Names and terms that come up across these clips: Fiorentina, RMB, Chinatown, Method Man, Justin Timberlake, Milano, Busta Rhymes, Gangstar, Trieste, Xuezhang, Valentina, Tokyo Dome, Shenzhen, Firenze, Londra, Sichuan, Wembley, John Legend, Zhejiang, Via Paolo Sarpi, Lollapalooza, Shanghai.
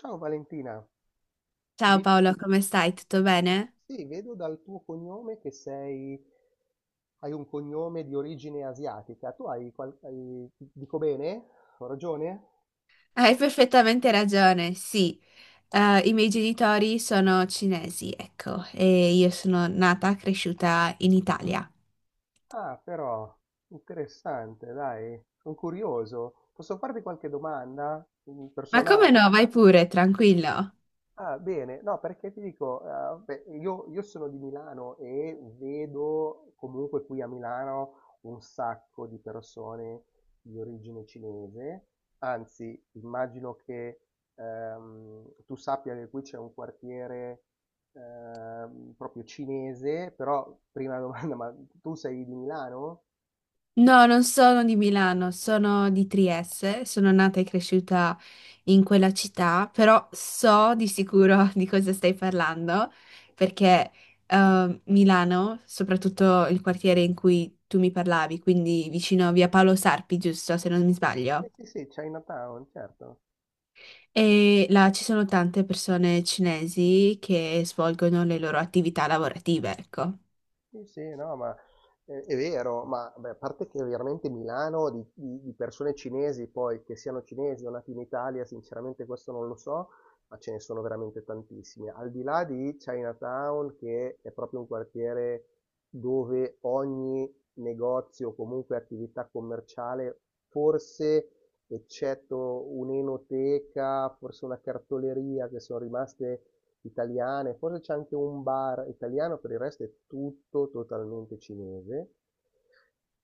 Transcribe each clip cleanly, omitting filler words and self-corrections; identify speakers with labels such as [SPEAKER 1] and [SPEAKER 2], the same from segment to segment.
[SPEAKER 1] Ciao Valentina,
[SPEAKER 2] Ciao
[SPEAKER 1] Ved-
[SPEAKER 2] Paolo, come stai? Tutto bene?
[SPEAKER 1] sì, vedo dal tuo cognome che sei, hai un cognome di origine asiatica. Tu hai, dico bene? Ho ragione?
[SPEAKER 2] Hai perfettamente ragione, sì. I miei genitori sono cinesi, ecco, e io sono nata, cresciuta in Italia.
[SPEAKER 1] Ah, però, interessante, dai, sono curioso. Posso farti qualche domanda
[SPEAKER 2] Ma come
[SPEAKER 1] personale?
[SPEAKER 2] no? Vai pure, tranquillo.
[SPEAKER 1] Ah, bene, no, perché ti dico, beh, io sono di Milano e vedo comunque qui a Milano un sacco di persone di origine cinese, anzi, immagino che tu sappia che qui c'è un quartiere proprio cinese, però prima domanda, ma tu sei di Milano?
[SPEAKER 2] No, non sono di Milano, sono di Trieste, sono nata e cresciuta in quella città, però so di sicuro di cosa stai parlando, perché Milano, soprattutto il quartiere in cui tu mi parlavi, quindi vicino a Via Paolo Sarpi, giusto, se non mi sbaglio.
[SPEAKER 1] Eh, sì, sì, sì, Chinatown, certo.
[SPEAKER 2] E là ci sono tante persone cinesi che svolgono le loro attività lavorative, ecco.
[SPEAKER 1] Sì, sì, no, ma è vero, ma beh, a parte che veramente Milano di persone cinesi, poi che siano cinesi o nati in Italia, sinceramente questo non lo so, ma ce ne sono veramente tantissime. Al di là di Chinatown, che è proprio un quartiere dove ogni negozio o comunque attività commerciale forse eccetto un'enoteca, forse una cartoleria che sono rimaste italiane, forse c'è anche un bar italiano, per il resto è tutto totalmente cinese.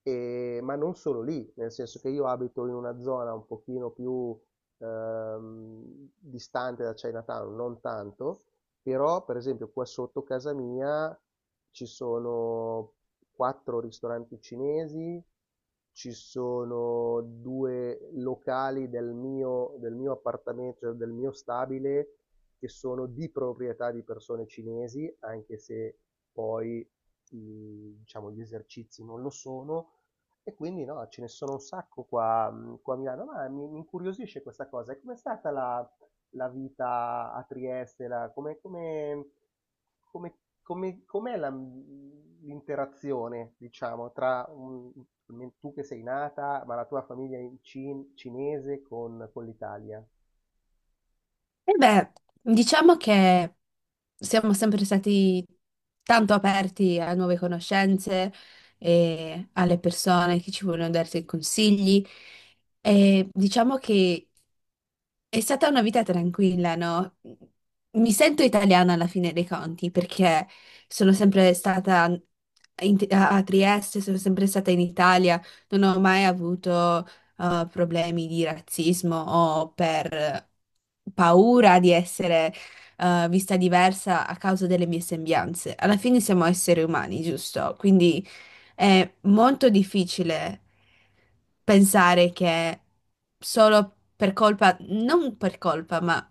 [SPEAKER 1] Ma non solo lì, nel senso che io abito in una zona un pochino più distante da Chinatown, non tanto, però per esempio qua sotto casa mia ci sono quattro ristoranti cinesi, ci sono due locali del mio appartamento, cioè del mio stabile, che sono di proprietà di persone cinesi, anche se poi diciamo, gli esercizi non lo sono, e quindi no, ce ne sono un sacco qua, qua a Milano, ma mi incuriosisce questa cosa. E com'è stata la vita a Trieste? La come come come come com'è la l'interazione, diciamo, tra un tu che sei nata, ma la tua famiglia in cinese con l'Italia?
[SPEAKER 2] E beh, diciamo che siamo sempre stati tanto aperti a nuove conoscenze e alle persone che ci vogliono dare dei consigli. E diciamo che è stata una vita tranquilla, no? Mi sento italiana alla fine dei conti perché sono sempre stata a Trieste, sono sempre stata in Italia, non ho mai avuto problemi di razzismo o per paura di essere vista diversa a causa delle mie sembianze. Alla fine siamo esseri umani, giusto? Quindi è molto difficile pensare che solo per colpa, non per colpa, ma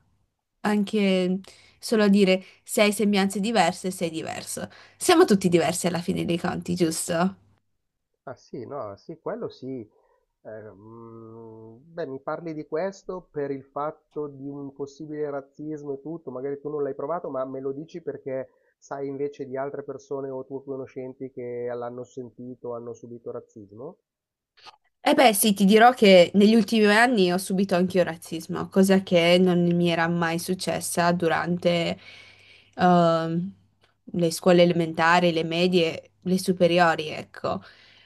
[SPEAKER 2] anche solo dire se hai sembianze diverse, sei diverso. Siamo tutti diversi alla fine dei conti, giusto?
[SPEAKER 1] Ah sì, no, sì, quello sì. Beh, mi parli di questo per il fatto di un possibile razzismo e tutto, magari tu non l'hai provato, ma me lo dici perché sai invece di altre persone o tue conoscenti che l'hanno sentito, hanno subito razzismo?
[SPEAKER 2] Eh beh, sì, ti dirò che negli ultimi anni ho subito anch'io razzismo, cosa che non mi era mai successa durante ehm, le scuole elementari, le medie, le superiori, ecco.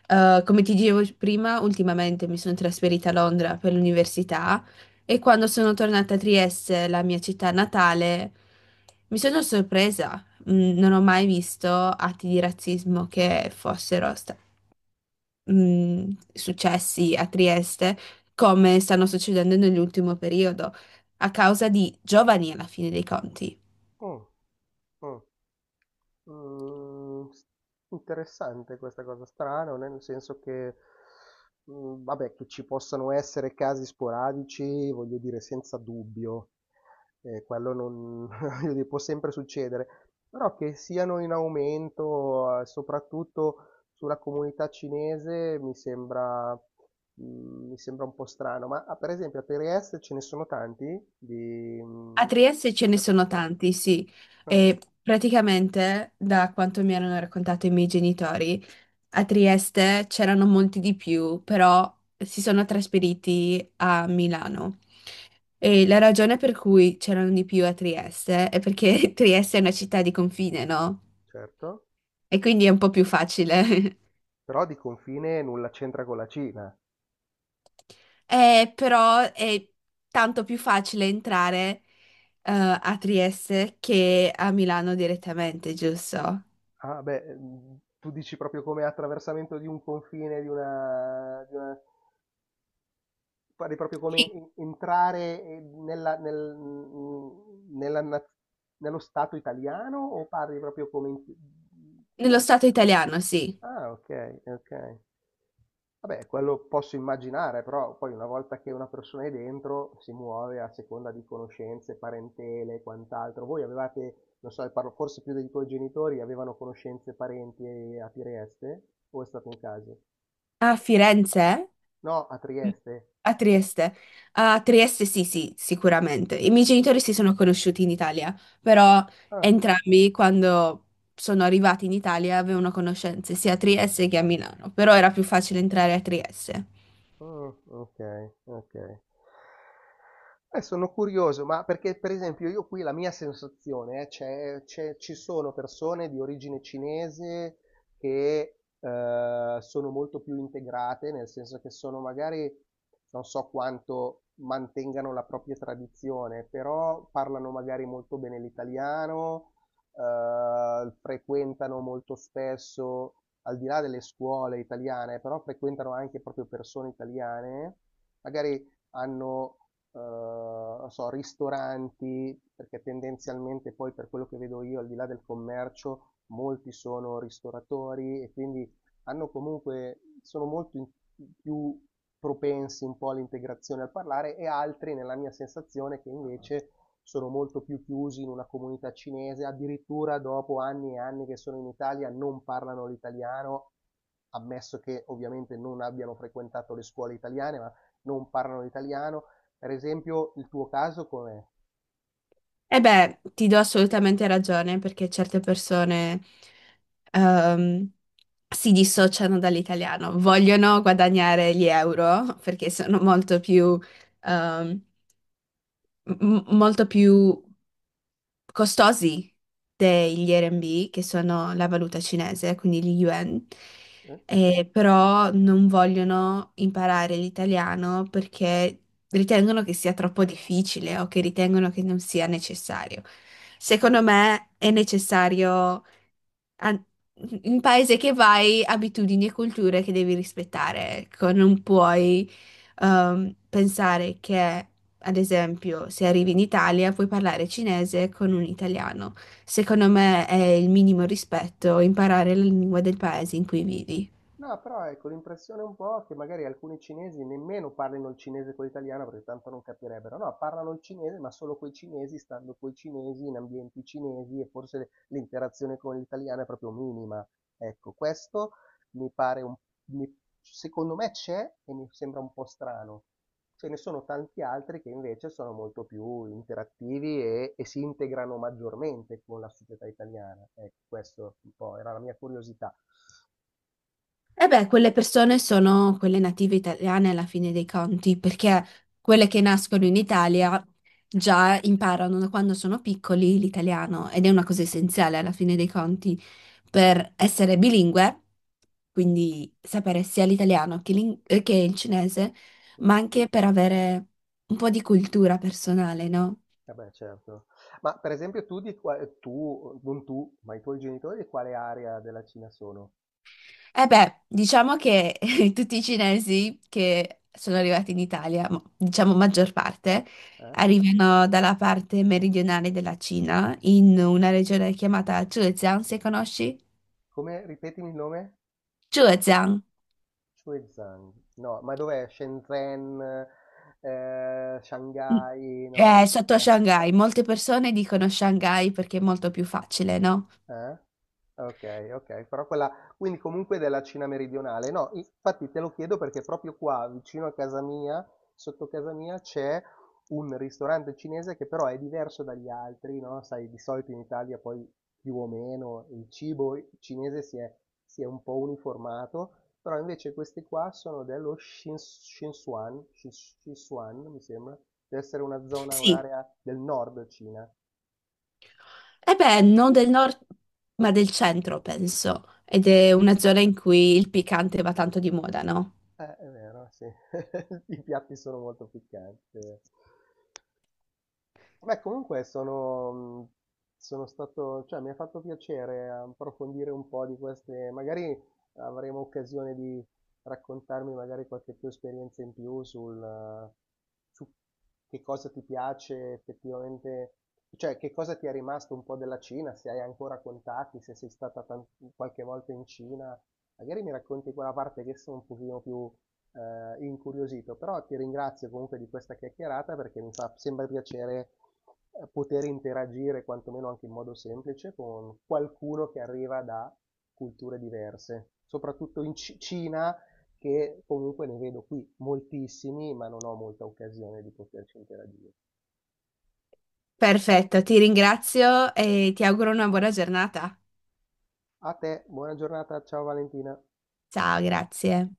[SPEAKER 2] Come ti dicevo prima, ultimamente mi sono trasferita a Londra per l'università e quando sono tornata a Trieste, la mia città natale, mi sono sorpresa. Non ho mai visto atti di razzismo che fossero successi a Trieste come stanno succedendo nell'ultimo periodo, a causa di giovani alla fine dei conti.
[SPEAKER 1] Mh, mh. Mhmm, s Interessante questa cosa, strano nel senso che, vabbè che ci possano essere casi sporadici, voglio dire senza dubbio, quello non voglio dire può sempre succedere, però che siano in aumento, soprattutto sulla comunità cinese mi sembra un po' strano. Ma, ah, per esempio a Trieste ce ne sono tanti di,
[SPEAKER 2] A
[SPEAKER 1] mhmm,
[SPEAKER 2] Trieste ce ne sono
[SPEAKER 1] perso
[SPEAKER 2] tanti, sì,
[SPEAKER 1] ah.
[SPEAKER 2] e praticamente da quanto mi hanno raccontato i miei genitori, a Trieste c'erano molti di più, però si sono trasferiti a Milano. E la ragione per cui c'erano di più a Trieste è perché Trieste è una città di confine, no?
[SPEAKER 1] Certo,
[SPEAKER 2] E quindi è un po' più facile.
[SPEAKER 1] però di confine nulla c'entra con la Cina.
[SPEAKER 2] Però è tanto più facile entrare, eh, a Trieste che a Milano direttamente, giusto?
[SPEAKER 1] Ah beh, tu dici proprio come attraversamento di un confine, di una pare proprio come
[SPEAKER 2] Sì.
[SPEAKER 1] en entrare, nella naz nello Stato italiano o parli proprio come in mhmm
[SPEAKER 2] Nello stato italiano, sì.
[SPEAKER 1] Ah, okay, okay. Vabbè, quello posso immaginare, però poi una volta che una persona è dentro si muove a seconda di conoscenze, parentele e quant'altro. Voi avevate, non so, parlo forse più dei tuoi genitori, avevano conoscenze, parenti a Trieste? O è stato un caso?
[SPEAKER 2] A Firenze?
[SPEAKER 1] No, a Trieste?
[SPEAKER 2] A Trieste. A Trieste sì, sì, sicuramente. I miei genitori si sono conosciuti in Italia, però
[SPEAKER 1] Ah.
[SPEAKER 2] entrambi quando sono arrivati in Italia avevano conoscenze sia a Trieste che a Milano, però era più facile entrare a Trieste.
[SPEAKER 1] Mm, ok, ok. Sono curioso, ma perché per esempio io qui la mia sensazione è ci sono persone di origine cinese che sono molto più integrate, nel senso che sono magari, non so quanto mantengano la propria tradizione, però parlano magari molto bene l'italiano, frequentano molto spesso, al di là delle scuole italiane, però frequentano anche proprio persone italiane, magari hanno, non so, ristoranti, perché tendenzialmente poi per quello che vedo io, al di là del commercio, molti sono ristoratori e quindi hanno comunque, sono più propensi un po' all'integrazione al parlare e altri, nella mia sensazione, che invece sono molto più chiusi in una comunità cinese, addirittura dopo anni e anni che sono in Italia non parlano l'italiano, ammesso che ovviamente non abbiano frequentato le scuole italiane, ma non parlano l'italiano. Per esempio, il tuo caso com'è?
[SPEAKER 2] E beh, ti do assolutamente ragione perché certe persone ehm, si dissociano dall'italiano, vogliono guadagnare gli euro perché sono molto più, ehm, molto più costosi degli RMB, che sono la valuta cinese, quindi gli yuan,
[SPEAKER 1] Eh?
[SPEAKER 2] però non vogliono imparare l'italiano perché ritengono che sia troppo difficile o che ritengono che non sia necessario. Secondo me è necessario a- in paese che vai, abitudini e culture che devi rispettare. Ecco, non puoi pensare che, ad esempio, se arrivi in Italia puoi parlare cinese con un italiano. Secondo me è il minimo rispetto imparare la lingua del paese in cui vivi.
[SPEAKER 1] No, però ecco, l'impressione un po' che magari alcuni cinesi nemmeno parlino il cinese con l'italiano perché tanto non capirebbero, no, parlano il cinese ma solo coi cinesi, stando coi cinesi, in ambienti cinesi e forse l'interazione con l'italiano è proprio minima. Ecco, questo mi pare un, mi- secondo me c'è e mi sembra un po' strano. Ce ne sono tanti altri che invece sono molto più interattivi e si integrano maggiormente con la società italiana. Ecco, questo un po' era la mia curiosità.
[SPEAKER 2] E beh, quelle persone sono quelle native italiane alla fine dei conti, perché quelle che nascono in Italia già imparano da quando sono piccoli l'italiano ed è una cosa essenziale alla fine dei conti per essere bilingue, quindi sapere sia l'italiano che, che il cinese, ma anche per avere un po' di cultura personale, no?
[SPEAKER 1] Eh beh, certo. Ma per esempio tu di qua tu, non tu, ma i tuoi genitori di quale area della Cina sono?
[SPEAKER 2] Eh beh, diciamo che tutti i cinesi che sono arrivati in Italia, diciamo maggior parte,
[SPEAKER 1] Eh?
[SPEAKER 2] arrivano dalla parte meridionale della Cina, in una regione chiamata Zhejiang, se conosci?
[SPEAKER 1] Come, ripetimi il nome?
[SPEAKER 2] Zhejiang.
[SPEAKER 1] Xuezhang. No, ma dov'è? Shenzhen,
[SPEAKER 2] Mm.
[SPEAKER 1] Shanghai, no?
[SPEAKER 2] È sotto Shanghai. Molte persone dicono Shanghai perché è molto più facile, no?
[SPEAKER 1] Eh? Okay, okay, però quella quindi comunque della Cina meridionale. No, infatti te lo chiedo perché proprio qua vicino a casa mia, sotto casa mia, c'è un ristorante cinese che però è diverso dagli altri, no, sai, di solito in Italia poi più o meno il cibo cinese si è un po' uniformato, però invece questi qua sono dello Sichuan, Sichuan, mi sembra, deve essere una zona,
[SPEAKER 2] Sì.
[SPEAKER 1] un'area del nord Cina.
[SPEAKER 2] Eh beh, non del nord, ma del centro, penso. Ed è una zona in cui il piccante va tanto di moda, no?
[SPEAKER 1] È vero, sì. I piatti sono molto piccanti. Beh, comunque sono stato, cioè mi ha fatto piacere approfondire un po' di queste, magari avremo occasione di raccontarmi magari qualche più esperienza in più sul, su che cosa ti piace effettivamente, cioè che cosa ti è rimasto un po' della Cina, se hai ancora contatti, se sei stata qualche volta in Cina, magari mi racconti quella parte che sono un pochino più incuriosito, però ti ringrazio comunque di questa chiacchierata perché mi fa sempre piacere poter interagire, quantomeno anche in modo semplice, con qualcuno che arriva da culture diverse, soprattutto in Cina, che comunque ne vedo qui moltissimi, ma non ho molta occasione di poterci interagire.
[SPEAKER 2] Perfetto, ti ringrazio e ti auguro una buona giornata.
[SPEAKER 1] A te, buona giornata, ciao Valentina.
[SPEAKER 2] Ciao, grazie.